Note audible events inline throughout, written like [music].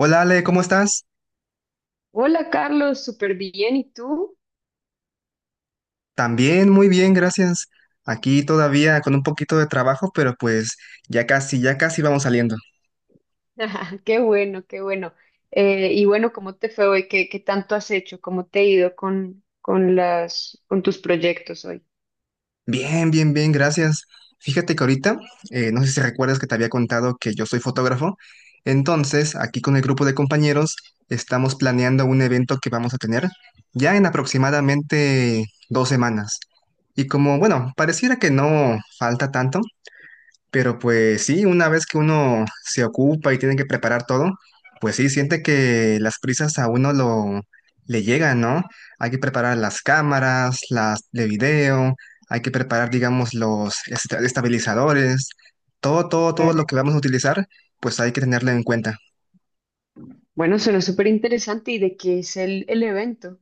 Hola Ale, ¿cómo estás? Hola Carlos, súper bien. ¿Y tú? También muy bien, gracias. Aquí todavía con un poquito de trabajo, pero pues ya casi vamos saliendo. [laughs] Qué bueno, qué bueno. Y bueno, ¿cómo te fue hoy? ¿Qué tanto has hecho? ¿Cómo te ha ido con tus proyectos hoy? Bien, bien, bien, gracias. Fíjate que ahorita, no sé si recuerdas que te había contado que yo soy fotógrafo. Entonces, aquí con el grupo de compañeros estamos planeando un evento que vamos a tener ya en aproximadamente 2 semanas. Y como, bueno, pareciera que no falta tanto, pero pues sí, una vez que uno se ocupa y tiene que preparar todo, pues sí, siente que las prisas a uno lo le llegan, ¿no? Hay que preparar las cámaras, las de video, hay que preparar, digamos, los estabilizadores, todo, todo, todo lo Claro. que vamos a utilizar, pues hay que tenerlo en cuenta. Bueno, suena súper interesante. ¿Y de qué es el evento?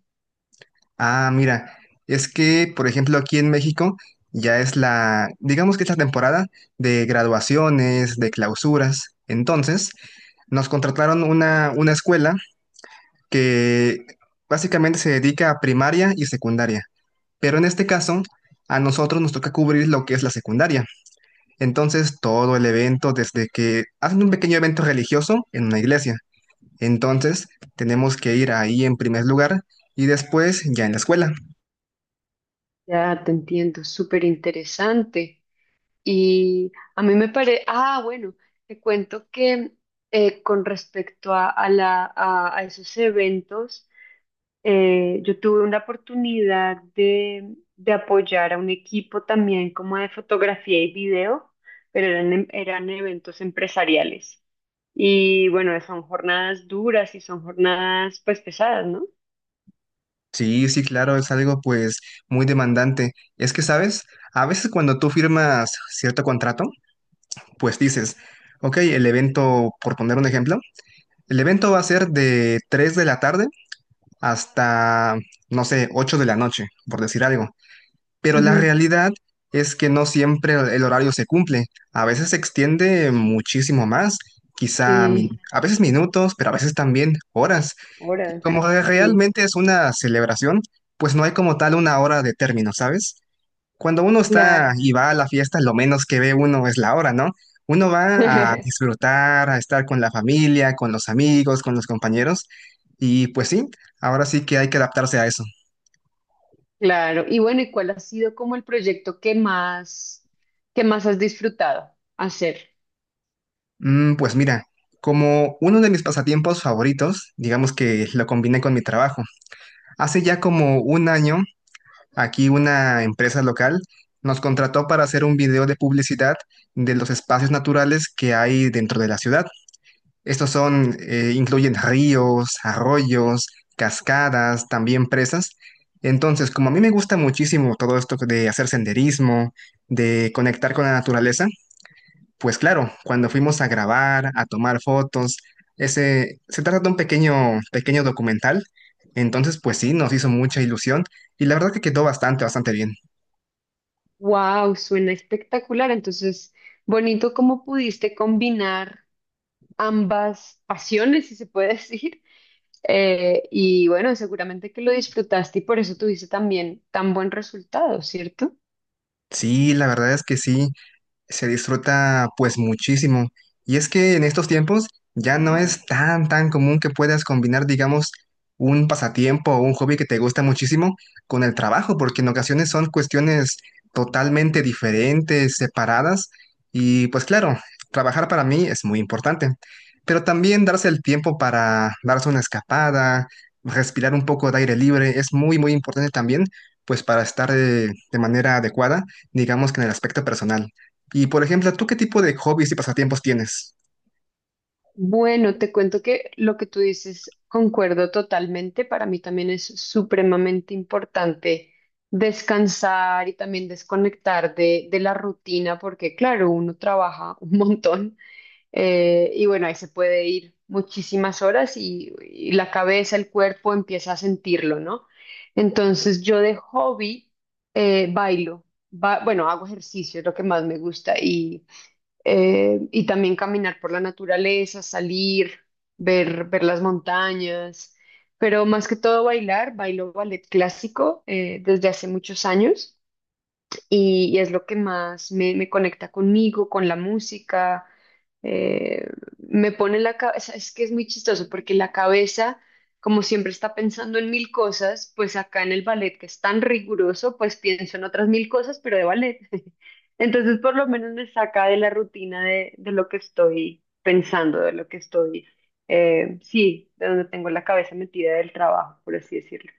Ah, mira, es que, por ejemplo, aquí en México ya es la, digamos que es la temporada de graduaciones, de clausuras. Entonces, nos contrataron una escuela que básicamente se dedica a primaria y secundaria. Pero en este caso, a nosotros nos toca cubrir lo que es la secundaria. Entonces, todo el evento, desde que hacen un pequeño evento religioso en una iglesia. Entonces, tenemos que ir ahí en primer lugar y después ya en la escuela. Ya te entiendo, súper interesante. Y a mí me parece, ah, bueno, te cuento que con respecto a la, a esos eventos, yo tuve una oportunidad de apoyar a un equipo también como de fotografía y video, pero eran eventos empresariales. Y bueno, son jornadas duras y son jornadas pues pesadas, ¿no? Sí, sí, claro, es algo pues muy demandante. Es que, ¿sabes? A veces cuando tú firmas cierto contrato, pues dices, ok, el evento, por poner un ejemplo, el evento va a ser de 3 de la tarde hasta, no sé, 8 de la noche, por decir algo. Pero la Ujú. realidad es que no siempre el horario se cumple. A veces se extiende muchísimo más, quizá Sí. a veces minutos, pero a veces también horas. Y Horas, como sí, realmente es una celebración, pues no hay como tal una hora de término, ¿sabes? Cuando uno está claro. y va a la fiesta, lo menos que ve uno es la hora, ¿no? Uno va a [laughs] disfrutar, a estar con la familia, con los amigos, con los compañeros. Y pues sí, ahora sí que hay que adaptarse a eso. Claro. Y bueno, ¿y cuál ha sido como el proyecto que más has disfrutado hacer? Mm, pues mira, como uno de mis pasatiempos favoritos, digamos que lo combiné con mi trabajo. Hace ya como un año aquí una empresa local nos contrató para hacer un video de publicidad de los espacios naturales que hay dentro de la ciudad. Estos son, incluyen ríos, arroyos, cascadas, también presas. Entonces, como a mí me gusta muchísimo todo esto de hacer senderismo, de conectar con la naturaleza, pues claro, cuando fuimos a grabar, a tomar fotos, ese, se trata de un pequeño, pequeño documental. Entonces, pues sí, nos hizo mucha ilusión y la verdad que quedó bastante, bastante bien. Wow, suena espectacular. Entonces, bonito cómo pudiste combinar ambas pasiones, si se puede [laughs] decir. Y bueno, seguramente que lo disfrutaste y por eso tuviste también tan buen resultado, ¿cierto? Sí, la verdad es que sí se disfruta pues muchísimo. Y es que en estos tiempos ya no es tan, tan común que puedas combinar, digamos, un pasatiempo o un hobby que te gusta muchísimo con el trabajo, porque en ocasiones son cuestiones totalmente diferentes, separadas. Y pues claro, trabajar para mí es muy importante, pero también darse el tiempo para darse una escapada, respirar un poco de aire libre, es muy, muy importante también, pues para estar de manera adecuada, digamos que en el aspecto personal. Y por ejemplo, ¿tú qué tipo de hobbies y pasatiempos tienes? Bueno, te cuento que lo que tú dices concuerdo totalmente. Para mí también es supremamente importante descansar y también desconectar de la rutina, porque claro, uno trabaja un montón. Y bueno, ahí se puede ir muchísimas horas y la cabeza, el cuerpo empieza a sentirlo, ¿no? Entonces yo de hobby bailo, bueno, hago ejercicio, es lo que más me gusta y también caminar por la naturaleza, salir, ver las montañas, pero más que todo bailar, bailo ballet clásico desde hace muchos años y es lo que más me conecta conmigo, con la música. eh, me pone la cabeza, es que es muy chistoso porque la cabeza, como siempre está pensando en mil cosas, pues acá en el ballet, que es tan riguroso, pues pienso en otras mil cosas, pero de ballet. [laughs] Entonces, por lo menos me saca de la rutina de lo que estoy pensando, de lo que estoy, sí, de donde tengo la cabeza metida del trabajo, por así decirlo.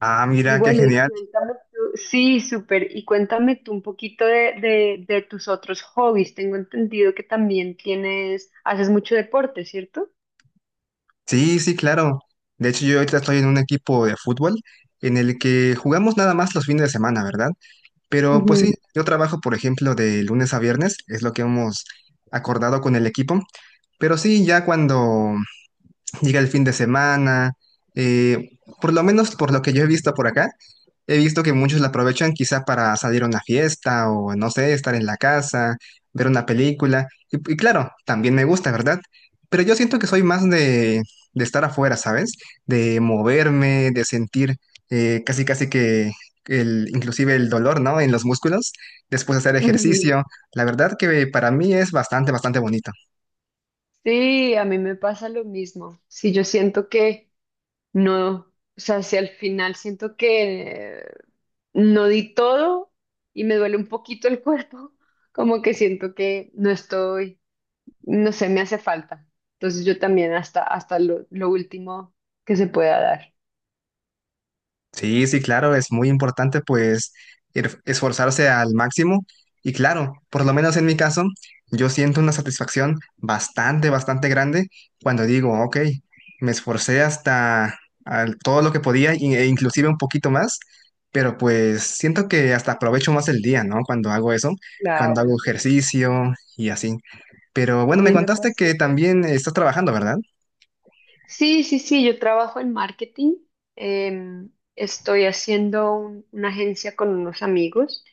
Ah, Y mira, qué bueno, y genial. cuéntame tú, sí, súper, y cuéntame tú un poquito de tus otros hobbies. Tengo entendido que también tienes, haces mucho deporte, ¿cierto? Sí, sí, claro. De hecho, yo ahorita estoy en un equipo de fútbol en el que jugamos nada más los fines de semana, ¿verdad? Pero pues sí, Ujú, yo trabajo, por ejemplo, de lunes a viernes, es lo que hemos acordado con el equipo. Pero sí, ya cuando llega el fin de semana, eh, por lo menos por lo que yo he visto por acá, he visto que muchos la aprovechan quizá para salir a una fiesta o no sé, estar en la casa, ver una película. Y claro, también me gusta, ¿verdad? Pero yo siento que soy más de estar afuera, ¿sabes? De moverme, de sentir casi casi que el, inclusive el dolor, ¿no? En los músculos, después de hacer ujú. ejercicio. La verdad que para mí es bastante, bastante bonito. Sí, a mí me pasa lo mismo. Sí, yo siento que no, o sea, si al final siento que no di todo y me duele un poquito el cuerpo, [laughs] como que siento que no estoy, no sé, me hace falta. Entonces yo también hasta lo último que se pueda dar. Sí, sí, claro, es muy importante pues esforzarse al máximo y claro, por lo menos en mi caso, yo siento una satisfacción bastante, bastante grande cuando digo, ok, me esforcé hasta todo lo que podía e inclusive un poquito más, pero pues siento que hasta aprovecho más el día, ¿no? Cuando hago eso, cuando hago Claro, ejercicio y así. Pero a bueno, me mí me contaste pasa que igual. también estás trabajando, ¿verdad? Sí, yo trabajo en marketing. em, estoy haciendo una agencia con unos amigos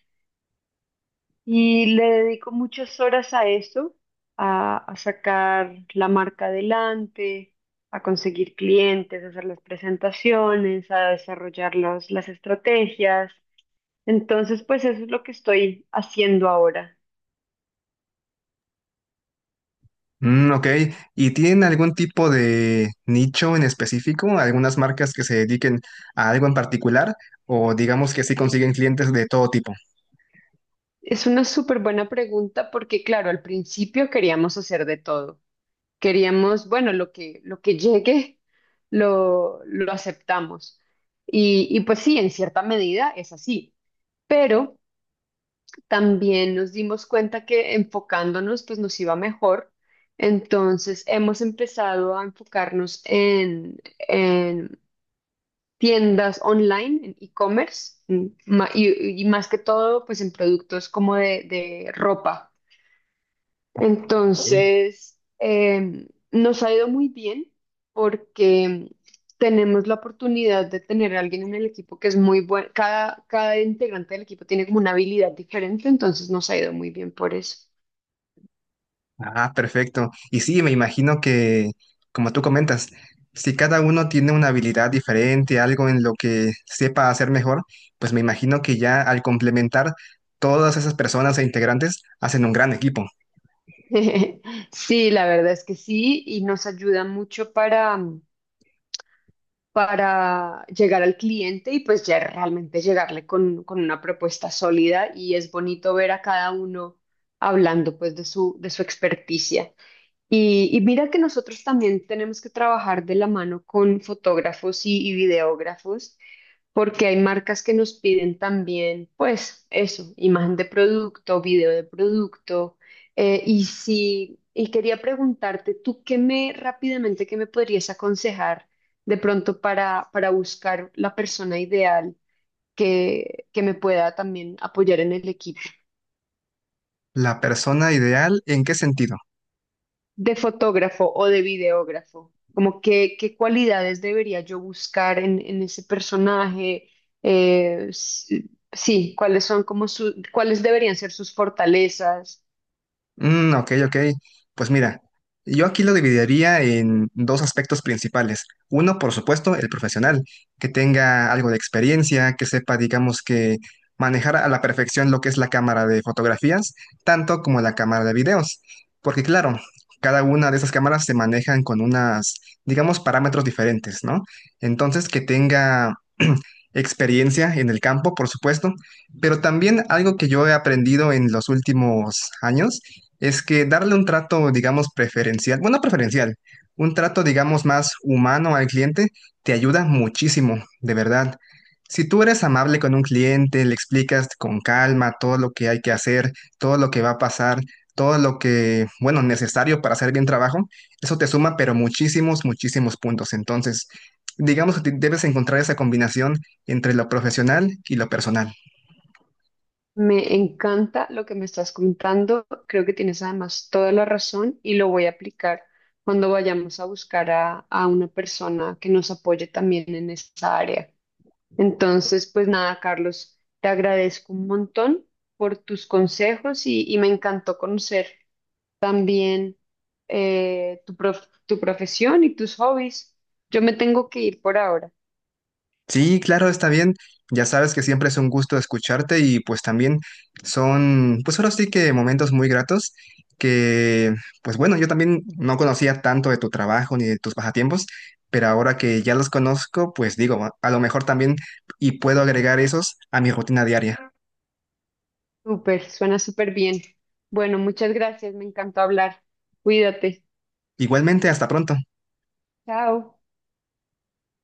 y le dedico muchas horas a eso, a sacar la marca adelante, a conseguir clientes, a hacer las presentaciones, a desarrollar las estrategias. Entonces, pues eso es lo que estoy haciendo ahora. Mm, ok. ¿Y tienen algún tipo de nicho en específico? ¿Algunas marcas que se dediquen a algo en particular? ¿O digamos que sí consiguen clientes de todo tipo? Es una súper buena pregunta porque, claro, al principio queríamos hacer de todo. Queríamos, bueno, lo que llegue, lo aceptamos. Y pues sí, en cierta medida es así, pero también nos dimos cuenta que enfocándonos, pues nos iba mejor. Entonces hemos empezado a enfocarnos en tiendas online, en e-commerce, y más que todo, pues en productos como de ropa. Ok. Entonces, nos ha ido muy bien porque tenemos la oportunidad de tener a alguien en el equipo que es muy bueno. Cada integrante del equipo tiene como una habilidad diferente, entonces nos ha ido muy bien por eso. Ah, perfecto. Y sí, me imagino que, como tú comentas, si cada uno tiene una habilidad diferente, algo en lo que sepa hacer mejor, pues me imagino que ya al complementar todas esas personas e integrantes hacen un gran equipo. [laughs] Sí, la verdad es que sí, y nos ayuda mucho para, para llegar al cliente y pues ya realmente llegarle con una propuesta sólida y es bonito ver a cada uno hablando pues de su experticia. Y mira que nosotros también tenemos que trabajar de la mano con fotógrafos y videógrafos, porque hay marcas que nos piden también, pues eso, imagen de producto, video de producto. Y si, y quería preguntarte, ¿tú qué me rápidamente qué me podrías aconsejar de pronto para buscar la persona ideal que me pueda también apoyar en el equipo? La persona ideal, ¿en qué sentido? ¿De fotógrafo o de videógrafo? Como qué cualidades debería yo buscar en ese personaje? Eh, s- sí, cuáles son como su, cuáles deberían ser sus fortalezas. Mm, ok, ok. Pues mira, yo aquí lo dividiría en 2 aspectos principales. Uno, por supuesto, el profesional, que tenga algo de experiencia, que sepa, digamos, que manejar a la perfección lo que es la cámara de fotografías, tanto como la cámara de videos. Porque claro, cada una de esas cámaras se manejan con unas, digamos, parámetros diferentes, ¿no? Entonces, que tenga experiencia en el campo, por supuesto, pero también algo que yo he aprendido en los últimos años es que darle un trato, digamos, preferencial, bueno, no preferencial, un trato, digamos, más humano al cliente te ayuda muchísimo, de verdad. Si tú eres amable con un cliente, le explicas con calma todo lo que hay que hacer, todo lo que va a pasar, todo lo que, bueno, necesario para hacer bien trabajo, eso te suma, pero muchísimos, muchísimos puntos. Entonces, digamos que debes encontrar esa combinación entre lo profesional y lo personal. Me encanta lo que me estás contando. Creo que tienes además toda la razón y lo voy a aplicar cuando vayamos a buscar a una persona que nos apoye también en esa área. Entonces, pues nada, Carlos, te agradezco un montón por tus consejos y me encantó conocer también tu profesión y tus hobbies. Yo me tengo que ir por ahora. Sí, claro, está bien. Ya sabes que siempre es un gusto escucharte y pues también son, pues ahora sí que momentos muy gratos que, pues bueno, yo también no conocía tanto de tu trabajo ni de tus pasatiempos, pero ahora que ya los conozco, pues digo, a lo mejor también y puedo agregar esos a mi rutina diaria. Súper, suena súper bien. Bueno, muchas gracias, me encantó hablar. Cuídate. Igualmente, hasta pronto. Chao.